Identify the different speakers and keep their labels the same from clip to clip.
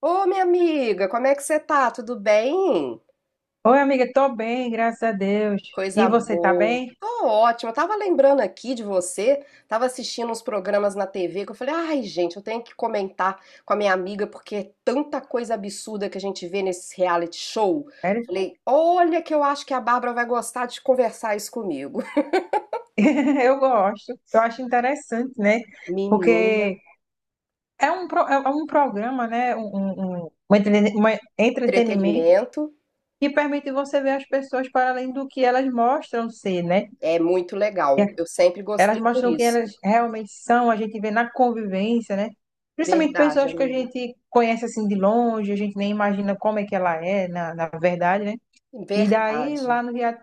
Speaker 1: Ô, minha amiga, como é que você tá? Tudo bem?
Speaker 2: Oi, amiga, tô bem, graças a Deus. E
Speaker 1: Coisa
Speaker 2: você tá
Speaker 1: boa.
Speaker 2: bem?
Speaker 1: Tô ótima. Eu tava lembrando aqui de você, tava assistindo uns programas na TV que eu falei, ai, gente, eu tenho que comentar com a minha amiga porque é tanta coisa absurda que a gente vê nesses reality show.
Speaker 2: Sério?
Speaker 1: Falei, olha que eu acho que a Bárbara vai gostar de conversar isso comigo.
Speaker 2: Eu gosto, eu acho interessante, né?
Speaker 1: Menina,
Speaker 2: Porque é um programa, né? Entretenimento
Speaker 1: entretenimento
Speaker 2: que permite você ver as pessoas para além do que elas mostram ser, né?
Speaker 1: é muito
Speaker 2: E
Speaker 1: legal. Eu sempre
Speaker 2: elas
Speaker 1: gostei por
Speaker 2: mostram quem
Speaker 1: isso.
Speaker 2: elas realmente são, a gente vê na convivência, né? Principalmente
Speaker 1: Verdade,
Speaker 2: pessoas que a
Speaker 1: amiga.
Speaker 2: gente conhece assim de longe, a gente nem imagina como é que ela é, na verdade, né? E daí,
Speaker 1: Verdade.
Speaker 2: lá no, rea-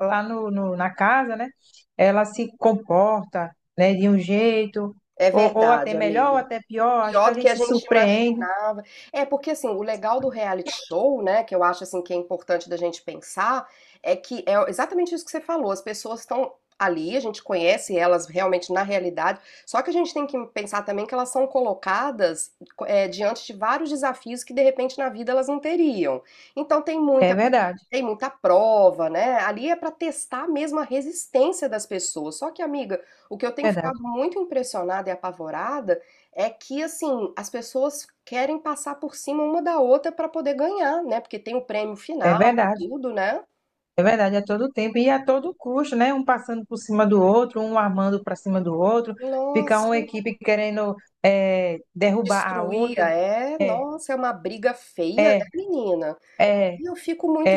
Speaker 2: lá no, no- na casa, né? Ela se comporta, né, de um jeito,
Speaker 1: É
Speaker 2: ou até
Speaker 1: verdade,
Speaker 2: melhor,
Speaker 1: amiga.
Speaker 2: ou até pior. Acho que
Speaker 1: Pior
Speaker 2: a
Speaker 1: do que
Speaker 2: gente
Speaker 1: a
Speaker 2: se
Speaker 1: gente
Speaker 2: surpreende.
Speaker 1: imaginava. É, porque assim, o legal do reality show, né, que eu acho assim que é importante da gente pensar, é que é exatamente isso que você falou, as pessoas estão ali, a gente conhece elas realmente na realidade, só que a gente tem que pensar também que elas são colocadas, diante de vários desafios que de repente na vida elas não teriam. Então tem
Speaker 2: É
Speaker 1: muita
Speaker 2: verdade,
Speaker 1: tem muita prova, né, ali é para testar mesmo a resistência das pessoas. Só que, amiga, o que eu tenho
Speaker 2: é
Speaker 1: ficado
Speaker 2: verdade,
Speaker 1: muito impressionada e apavorada é que, assim, as pessoas querem passar por cima uma da outra para poder ganhar, né, porque tem o prêmio
Speaker 2: é
Speaker 1: final e
Speaker 2: verdade,
Speaker 1: tudo, né.
Speaker 2: é verdade, a todo tempo e a todo custo, né? Um passando por cima do outro, um armando para cima do outro, fica uma
Speaker 1: Nossa,
Speaker 2: equipe querendo derrubar a
Speaker 1: destruía,
Speaker 2: outra.
Speaker 1: é,
Speaker 2: É,
Speaker 1: nossa, é uma briga feia,
Speaker 2: é,
Speaker 1: né, menina.
Speaker 2: é.
Speaker 1: E eu fico muito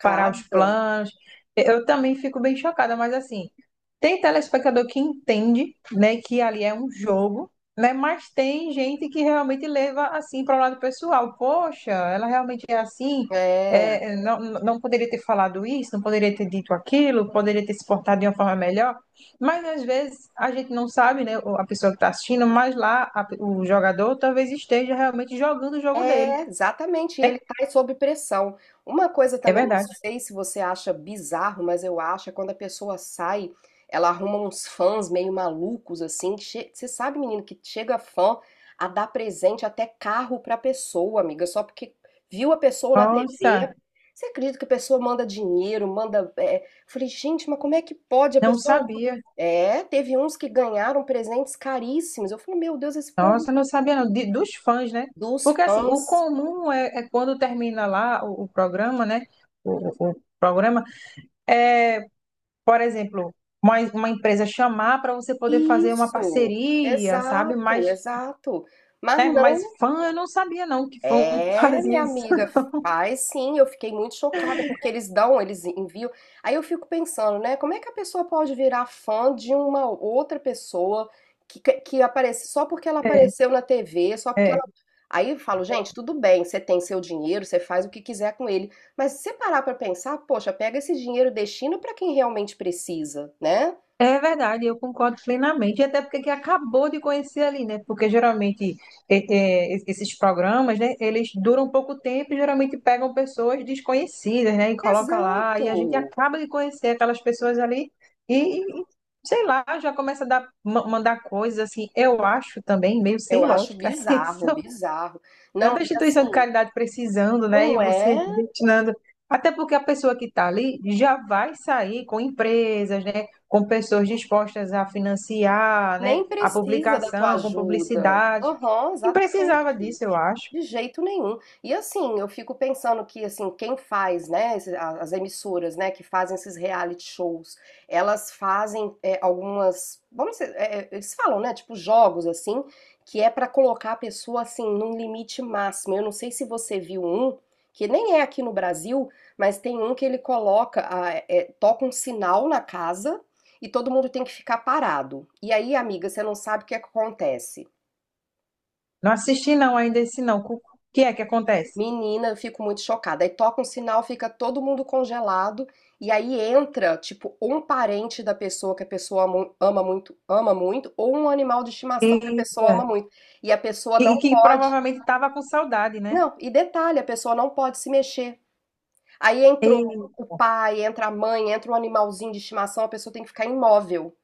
Speaker 2: Parar os planos. Eu também fico bem chocada, mas assim, tem telespectador que entende, né, que ali é um jogo, né, mas tem gente que realmente leva assim para o lado pessoal. Poxa, ela realmente é assim,
Speaker 1: É.
Speaker 2: é, é, não poderia ter falado isso, não poderia ter dito aquilo, poderia ter se portado de uma forma melhor. Mas às vezes a gente não sabe, né, a pessoa que está assistindo, mas lá o jogador talvez esteja realmente jogando o jogo dele.
Speaker 1: É, exatamente, ele
Speaker 2: né?
Speaker 1: está sob pressão. Uma coisa
Speaker 2: É
Speaker 1: também, não
Speaker 2: verdade.
Speaker 1: sei se você acha bizarro, mas eu acho, é quando a pessoa sai, ela arruma uns fãs meio malucos, assim. Você sabe, menino, que chega fã a dar presente até carro pra pessoa, amiga, só porque viu a pessoa na TV.
Speaker 2: Nossa,
Speaker 1: Você acredita que a pessoa manda dinheiro, manda. Eu falei, gente, mas como é que pode a
Speaker 2: não
Speaker 1: pessoa.
Speaker 2: sabia.
Speaker 1: É, teve uns que ganharam presentes caríssimos. Eu falei, meu Deus, esse povo
Speaker 2: Nossa, eu não sabia não, dos fãs, né?
Speaker 1: dos
Speaker 2: Porque assim, o
Speaker 1: fãs.
Speaker 2: comum é quando termina lá o programa, né? O programa é, por exemplo, uma empresa chamar para você poder fazer uma
Speaker 1: Isso,
Speaker 2: parceria, sabe? Mas,
Speaker 1: exato, exato. Mas
Speaker 2: né? Mas
Speaker 1: não,
Speaker 2: fã eu não sabia não que fã
Speaker 1: é,
Speaker 2: fazia
Speaker 1: minha
Speaker 2: isso.
Speaker 1: amiga, faz sim. Eu fiquei muito chocada porque eles dão, eles enviam. Aí eu fico pensando, né? Como é que a pessoa pode virar fã de uma outra pessoa que aparece só porque ela
Speaker 2: É,
Speaker 1: apareceu na TV, só porque
Speaker 2: é.
Speaker 1: ela. Aí eu falo, gente, tudo bem, você tem seu dinheiro, você faz o que quiser com ele. Mas se você parar pra pensar, poxa, pega esse dinheiro e destina pra quem realmente precisa, né?
Speaker 2: É verdade, eu concordo plenamente. E até porque que acabou de conhecer ali, né? Porque geralmente esses programas, né, eles duram pouco tempo e geralmente pegam pessoas desconhecidas, né, e coloca lá, e
Speaker 1: Exato.
Speaker 2: a gente acaba de conhecer aquelas pessoas ali e sei lá, já começa a mandar coisas assim, eu acho também meio
Speaker 1: Eu
Speaker 2: sem
Speaker 1: acho
Speaker 2: lógica isso,
Speaker 1: bizarro, bizarro. Não,
Speaker 2: tanta
Speaker 1: e
Speaker 2: instituição de
Speaker 1: assim,
Speaker 2: caridade precisando, né? E
Speaker 1: não
Speaker 2: você
Speaker 1: é,
Speaker 2: destinando. Até porque a pessoa que está ali já vai sair com empresas, né? Com pessoas dispostas a financiar, né?
Speaker 1: nem
Speaker 2: A
Speaker 1: precisa da tua
Speaker 2: publicação, com
Speaker 1: ajuda.
Speaker 2: publicidade.
Speaker 1: Aham,
Speaker 2: E precisava
Speaker 1: exatamente.
Speaker 2: disso, eu acho.
Speaker 1: De jeito nenhum. E assim, eu fico pensando que assim, quem faz, né, as emissoras, né, que fazem esses reality shows, elas fazem algumas, vamos dizer, eles falam, né, tipo jogos assim, que é pra colocar a pessoa assim num limite máximo. Eu não sei se você viu um, que nem é aqui no Brasil, mas tem um que ele coloca, toca um sinal na casa e todo mundo tem que ficar parado. E aí, amiga, você não sabe o que acontece.
Speaker 2: Não assisti não ainda esse não. O que é que acontece?
Speaker 1: Menina, eu fico muito chocada. Aí toca um sinal, fica todo mundo congelado, e aí entra, tipo, um parente da pessoa que ama muito, ou um animal de estimação que a
Speaker 2: E,
Speaker 1: pessoa ama muito. E a pessoa não
Speaker 2: e que
Speaker 1: pode.
Speaker 2: provavelmente estava com saudade, né?
Speaker 1: Não, e detalhe, a pessoa não pode se mexer. Aí entrou
Speaker 2: E,
Speaker 1: o pai, entra a mãe, entra um animalzinho de estimação, a pessoa tem que ficar imóvel.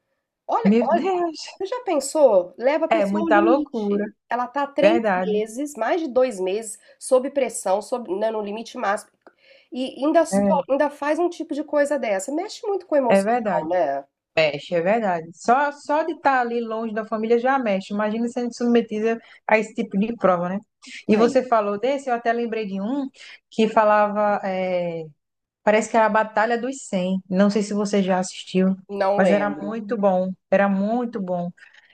Speaker 1: Olha,
Speaker 2: meu
Speaker 1: olha.
Speaker 2: Deus,
Speaker 1: Você já pensou? Leva a
Speaker 2: é
Speaker 1: pessoa ao
Speaker 2: muita loucura,
Speaker 1: limite. Ela tá três
Speaker 2: verdade.
Speaker 1: meses, mais de 2 meses, sob pressão, sob, né, no limite máximo. E
Speaker 2: É,
Speaker 1: ainda faz um tipo de coisa dessa. Mexe muito com o
Speaker 2: é
Speaker 1: emocional,
Speaker 2: verdade.
Speaker 1: né?
Speaker 2: Mexe, é verdade. Só, só de estar ali longe da família já mexe. Imagina sendo submetida a esse tipo de prova, né? E
Speaker 1: Aí,
Speaker 2: você falou desse, eu até lembrei de um que falava, parece que era a Batalha dos cem. Não sei se você já assistiu,
Speaker 1: não
Speaker 2: mas era
Speaker 1: lembro.
Speaker 2: muito bom. Era muito bom.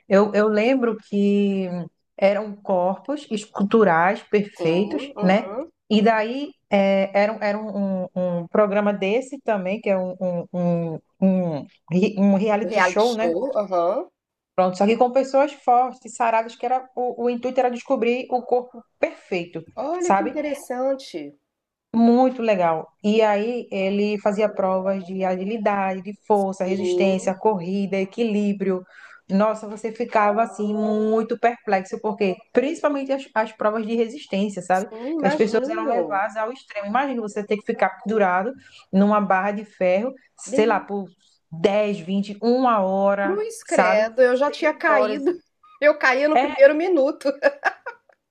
Speaker 2: Eu lembro que eram corpos esculturais
Speaker 1: Sim,
Speaker 2: perfeitos, né?
Speaker 1: uhum.
Speaker 2: E daí era um programa desse também, que é um
Speaker 1: O
Speaker 2: reality
Speaker 1: reality
Speaker 2: show, né?
Speaker 1: show, aham.
Speaker 2: Pronto, só que com pessoas fortes, saradas, que era o intuito era descobrir o corpo perfeito,
Speaker 1: Olha que
Speaker 2: sabe?
Speaker 1: interessante.
Speaker 2: Muito legal. E aí ele fazia provas de agilidade, de força,
Speaker 1: Sim,
Speaker 2: resistência, corrida, equilíbrio. Nossa, você ficava assim muito perplexo, porque principalmente as provas de resistência, sabe?
Speaker 1: sim,
Speaker 2: Que as pessoas eram
Speaker 1: imagino.
Speaker 2: levadas ao extremo. Imagina você ter que ficar pendurado numa barra de ferro, sei lá,
Speaker 1: Bem,
Speaker 2: por 10, 20, 1 hora,
Speaker 1: cruz
Speaker 2: sabe?
Speaker 1: credo, eu já tinha
Speaker 2: 6 horas. É
Speaker 1: caído. Eu caía no primeiro minuto.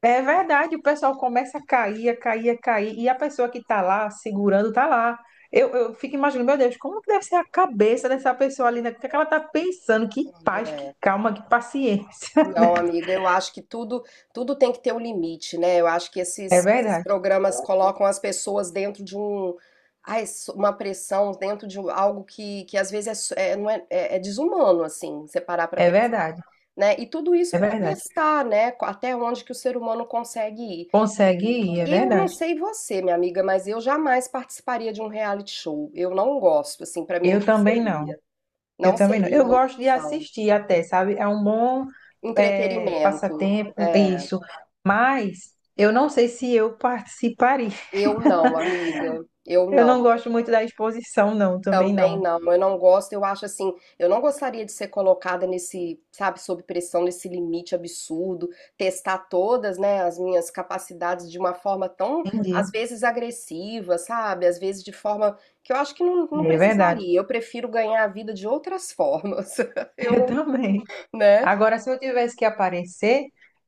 Speaker 2: É verdade, o pessoal começa a cair, a cair, a cair, e a pessoa que está lá segurando está lá. Eu fico imaginando, meu Deus, como que deve ser a cabeça dessa pessoa ali, né? O que é que ela está pensando? Que paz, que
Speaker 1: É.
Speaker 2: calma, que paciência. né?
Speaker 1: Não, amiga, eu acho que tudo tem que ter um limite, né? Eu acho que
Speaker 2: É
Speaker 1: esses
Speaker 2: verdade,
Speaker 1: programas colocam as pessoas dentro de um, ai, uma pressão, dentro de algo que às vezes é, so- é, não é, é- é desumano, assim, você parar pra
Speaker 2: é
Speaker 1: pensar,
Speaker 2: verdade,
Speaker 1: né? E tudo isso
Speaker 2: é
Speaker 1: pra
Speaker 2: verdade.
Speaker 1: testar, né? Até onde que o ser humano consegue ir.
Speaker 2: Consegue ir, é
Speaker 1: Eu não
Speaker 2: verdade.
Speaker 1: sei você, minha amiga, mas eu jamais participaria de um reality show. Eu não gosto, assim, pra mim
Speaker 2: Eu também não, eu
Speaker 1: não
Speaker 2: também não.
Speaker 1: seria
Speaker 2: Eu
Speaker 1: uma
Speaker 2: gosto de
Speaker 1: opção.
Speaker 2: assistir até, sabe? É um bom
Speaker 1: Entretenimento,
Speaker 2: passatempo,
Speaker 1: é.
Speaker 2: isso. Mas eu não sei se eu participaria.
Speaker 1: Eu não, amiga. Eu
Speaker 2: Eu não
Speaker 1: não.
Speaker 2: gosto muito da exposição, não, também
Speaker 1: Também
Speaker 2: não.
Speaker 1: não. Eu não gosto. Eu acho assim, eu não gostaria de ser colocada nesse, sabe, sob pressão, nesse limite absurdo, testar todas, né, as minhas capacidades de uma forma tão,
Speaker 2: Entendi.
Speaker 1: às vezes, agressiva, sabe? Às vezes de forma que eu acho que não, não
Speaker 2: É verdade.
Speaker 1: precisaria. Eu prefiro ganhar a vida de outras formas. Eu
Speaker 2: Eu
Speaker 1: não,
Speaker 2: também.
Speaker 1: né?
Speaker 2: Agora, se eu tivesse que aparecer,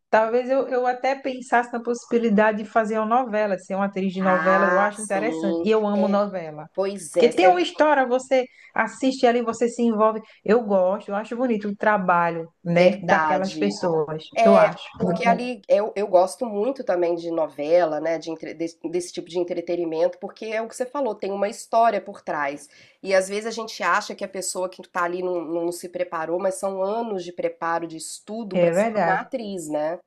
Speaker 2: talvez eu até pensasse na possibilidade de fazer uma novela, de ser uma atriz de novela, eu
Speaker 1: Ah,
Speaker 2: acho interessante.
Speaker 1: sim.
Speaker 2: E eu amo novela.
Speaker 1: Pois é,
Speaker 2: Porque
Speaker 1: essa
Speaker 2: tem uma
Speaker 1: é
Speaker 2: história, você assiste ali, você se envolve. Eu gosto, eu acho bonito o trabalho, né, daquelas
Speaker 1: verdade.
Speaker 2: pessoas. Eu
Speaker 1: É,
Speaker 2: acho.
Speaker 1: porque ali eu gosto muito também de novela, né, desse, desse tipo de entretenimento, porque é o que você falou, tem uma história por trás. E às vezes a gente acha que a pessoa que tá ali não, não se preparou, mas são anos de preparo, de estudo
Speaker 2: É
Speaker 1: para se tornar
Speaker 2: verdade,
Speaker 1: atriz, né?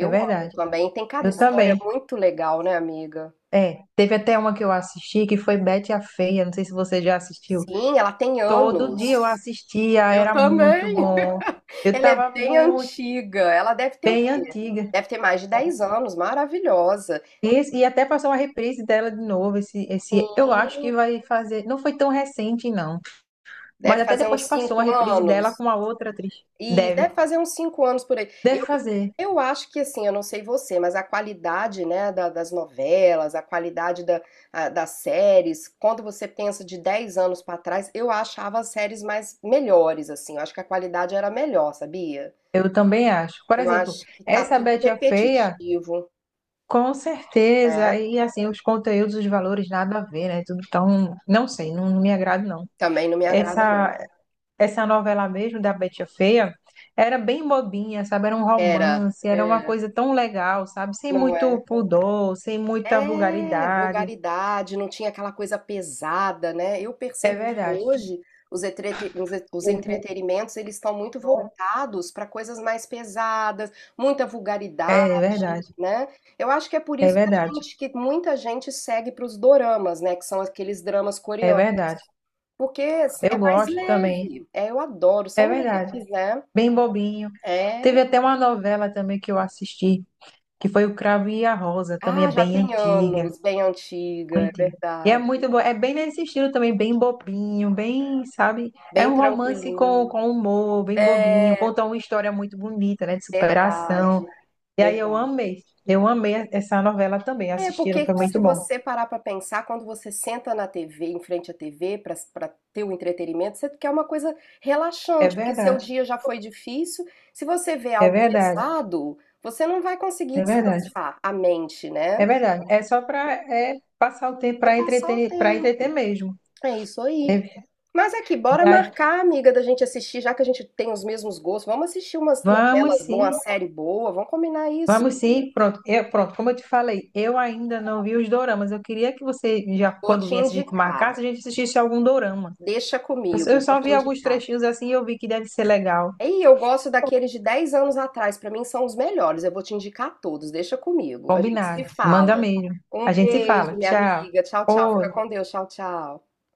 Speaker 2: é
Speaker 1: amo
Speaker 2: verdade.
Speaker 1: também. Tem cada
Speaker 2: Eu
Speaker 1: história
Speaker 2: também.
Speaker 1: muito legal, né, amiga?
Speaker 2: É, teve até uma que eu assisti que foi Betty a Feia, não sei se você já assistiu.
Speaker 1: Sim, ela tem
Speaker 2: Todo dia eu
Speaker 1: anos.
Speaker 2: assistia,
Speaker 1: Eu
Speaker 2: era muito
Speaker 1: também.
Speaker 2: bom. Eu
Speaker 1: Ela é
Speaker 2: estava
Speaker 1: bem
Speaker 2: muito
Speaker 1: antiga. Ela deve ter o
Speaker 2: bem
Speaker 1: quê?
Speaker 2: antiga.
Speaker 1: Deve ter mais de 10 anos. Maravilhosa.
Speaker 2: E, até passou uma reprise dela de novo. Esse, eu acho que vai fazer. Não foi tão recente, não. Mas
Speaker 1: Deve
Speaker 2: até
Speaker 1: fazer
Speaker 2: depois
Speaker 1: uns
Speaker 2: passou uma
Speaker 1: cinco
Speaker 2: reprise dela com
Speaker 1: anos.
Speaker 2: uma outra atriz.
Speaker 1: E
Speaker 2: Deve.
Speaker 1: deve fazer uns cinco anos por aí.
Speaker 2: Deve fazer.
Speaker 1: Eu acho que assim, eu não sei você, mas a qualidade, né, das novelas, a qualidade das séries, quando você pensa de 10 anos pra trás, eu achava as séries mais melhores, assim. Eu acho que a qualidade era melhor, sabia?
Speaker 2: Eu também acho. Por
Speaker 1: Eu
Speaker 2: exemplo,
Speaker 1: acho que tá
Speaker 2: essa
Speaker 1: tudo
Speaker 2: Betty a Feia,
Speaker 1: repetitivo,
Speaker 2: com
Speaker 1: né?
Speaker 2: certeza. E assim, os conteúdos, os valores, nada a ver, né? Tudo tão. Não sei, não, não me agrada, não.
Speaker 1: Também não me agrada, não.
Speaker 2: Essa, essa novela mesmo da Betty a Feia era bem bobinha, sabe? Era um
Speaker 1: Era,
Speaker 2: romance, era uma
Speaker 1: é,
Speaker 2: coisa tão legal, sabe? Sem
Speaker 1: não é.
Speaker 2: muito pudor, sem muita
Speaker 1: É,
Speaker 2: vulgaridade.
Speaker 1: vulgaridade, não tinha aquela coisa pesada, né. Eu
Speaker 2: É
Speaker 1: percebo que
Speaker 2: verdade.
Speaker 1: hoje os entretenimentos, eles estão muito voltados para coisas mais pesadas, muita
Speaker 2: É
Speaker 1: vulgaridade,
Speaker 2: verdade.
Speaker 1: né. Eu acho que é por
Speaker 2: É
Speaker 1: isso que a
Speaker 2: verdade.
Speaker 1: gente que muita gente segue para os doramas, né, que são aqueles dramas
Speaker 2: É
Speaker 1: coreanos,
Speaker 2: verdade.
Speaker 1: porque é
Speaker 2: Eu
Speaker 1: mais
Speaker 2: gosto também.
Speaker 1: leve. É, eu adoro,
Speaker 2: É
Speaker 1: são
Speaker 2: verdade.
Speaker 1: leves, né.
Speaker 2: Bem bobinho.
Speaker 1: É.
Speaker 2: Teve até uma novela também que eu assisti, que foi O Cravo e a Rosa, também é
Speaker 1: Ah, já
Speaker 2: bem
Speaker 1: tem
Speaker 2: antiga.
Speaker 1: anos, bem antiga, é
Speaker 2: Muito. E é
Speaker 1: verdade.
Speaker 2: muito bom. É bem nesse estilo também, bem bobinho, bem, sabe? É
Speaker 1: Bem
Speaker 2: um romance com,
Speaker 1: tranquilinho.
Speaker 2: com humor, bem bobinho.
Speaker 1: É.
Speaker 2: Conta uma história muito bonita, né? De superação.
Speaker 1: Verdade,
Speaker 2: E aí eu
Speaker 1: verdade.
Speaker 2: amei. Eu amei essa novela também.
Speaker 1: É, porque
Speaker 2: Assistiram, foi
Speaker 1: Muito se
Speaker 2: muito
Speaker 1: muito bom.
Speaker 2: bom.
Speaker 1: Você parar para pensar, quando você senta na TV, em frente à TV, para ter o entretenimento, você quer uma coisa
Speaker 2: É
Speaker 1: relaxante, porque seu
Speaker 2: verdade.
Speaker 1: dia já foi difícil. Se você vê
Speaker 2: É
Speaker 1: algo
Speaker 2: verdade.
Speaker 1: pesado, você não vai conseguir
Speaker 2: É verdade.
Speaker 1: descansar a mente, né?
Speaker 2: É verdade. É só para passar o tempo
Speaker 1: Vai passar o
Speaker 2: para entreter
Speaker 1: tempo.
Speaker 2: mesmo.
Speaker 1: É isso aí.
Speaker 2: É
Speaker 1: Mas aqui, bora É.
Speaker 2: verdade.
Speaker 1: marcar, amiga, da gente assistir, já que a gente tem os mesmos gostos. Vamos assistir umas novelas
Speaker 2: Vamos
Speaker 1: boas,
Speaker 2: sim.
Speaker 1: uma série boa, vamos combinar isso.
Speaker 2: Vamos sim, pronto. Eu, pronto, como eu te falei, eu ainda não vi os doramas. Eu queria que você, já
Speaker 1: Vou
Speaker 2: quando
Speaker 1: te
Speaker 2: viesse a gente
Speaker 1: indicar.
Speaker 2: marcasse, a gente assistisse algum dorama.
Speaker 1: Deixa
Speaker 2: Eu só eu
Speaker 1: comigo, vou
Speaker 2: só
Speaker 1: te
Speaker 2: vi alguns
Speaker 1: indicar.
Speaker 2: trechinhos assim e eu vi que deve ser legal.
Speaker 1: Ei, eu gosto daqueles de 10 anos atrás, pra mim são os melhores. Eu vou te indicar todos, deixa comigo. A gente se
Speaker 2: Combinado. Manda
Speaker 1: fala.
Speaker 2: mesmo. A
Speaker 1: Um
Speaker 2: gente se fala.
Speaker 1: beijo, minha
Speaker 2: Tchau.
Speaker 1: amiga. Tchau,
Speaker 2: Ô,
Speaker 1: tchau. Fica com Deus. Tchau, tchau.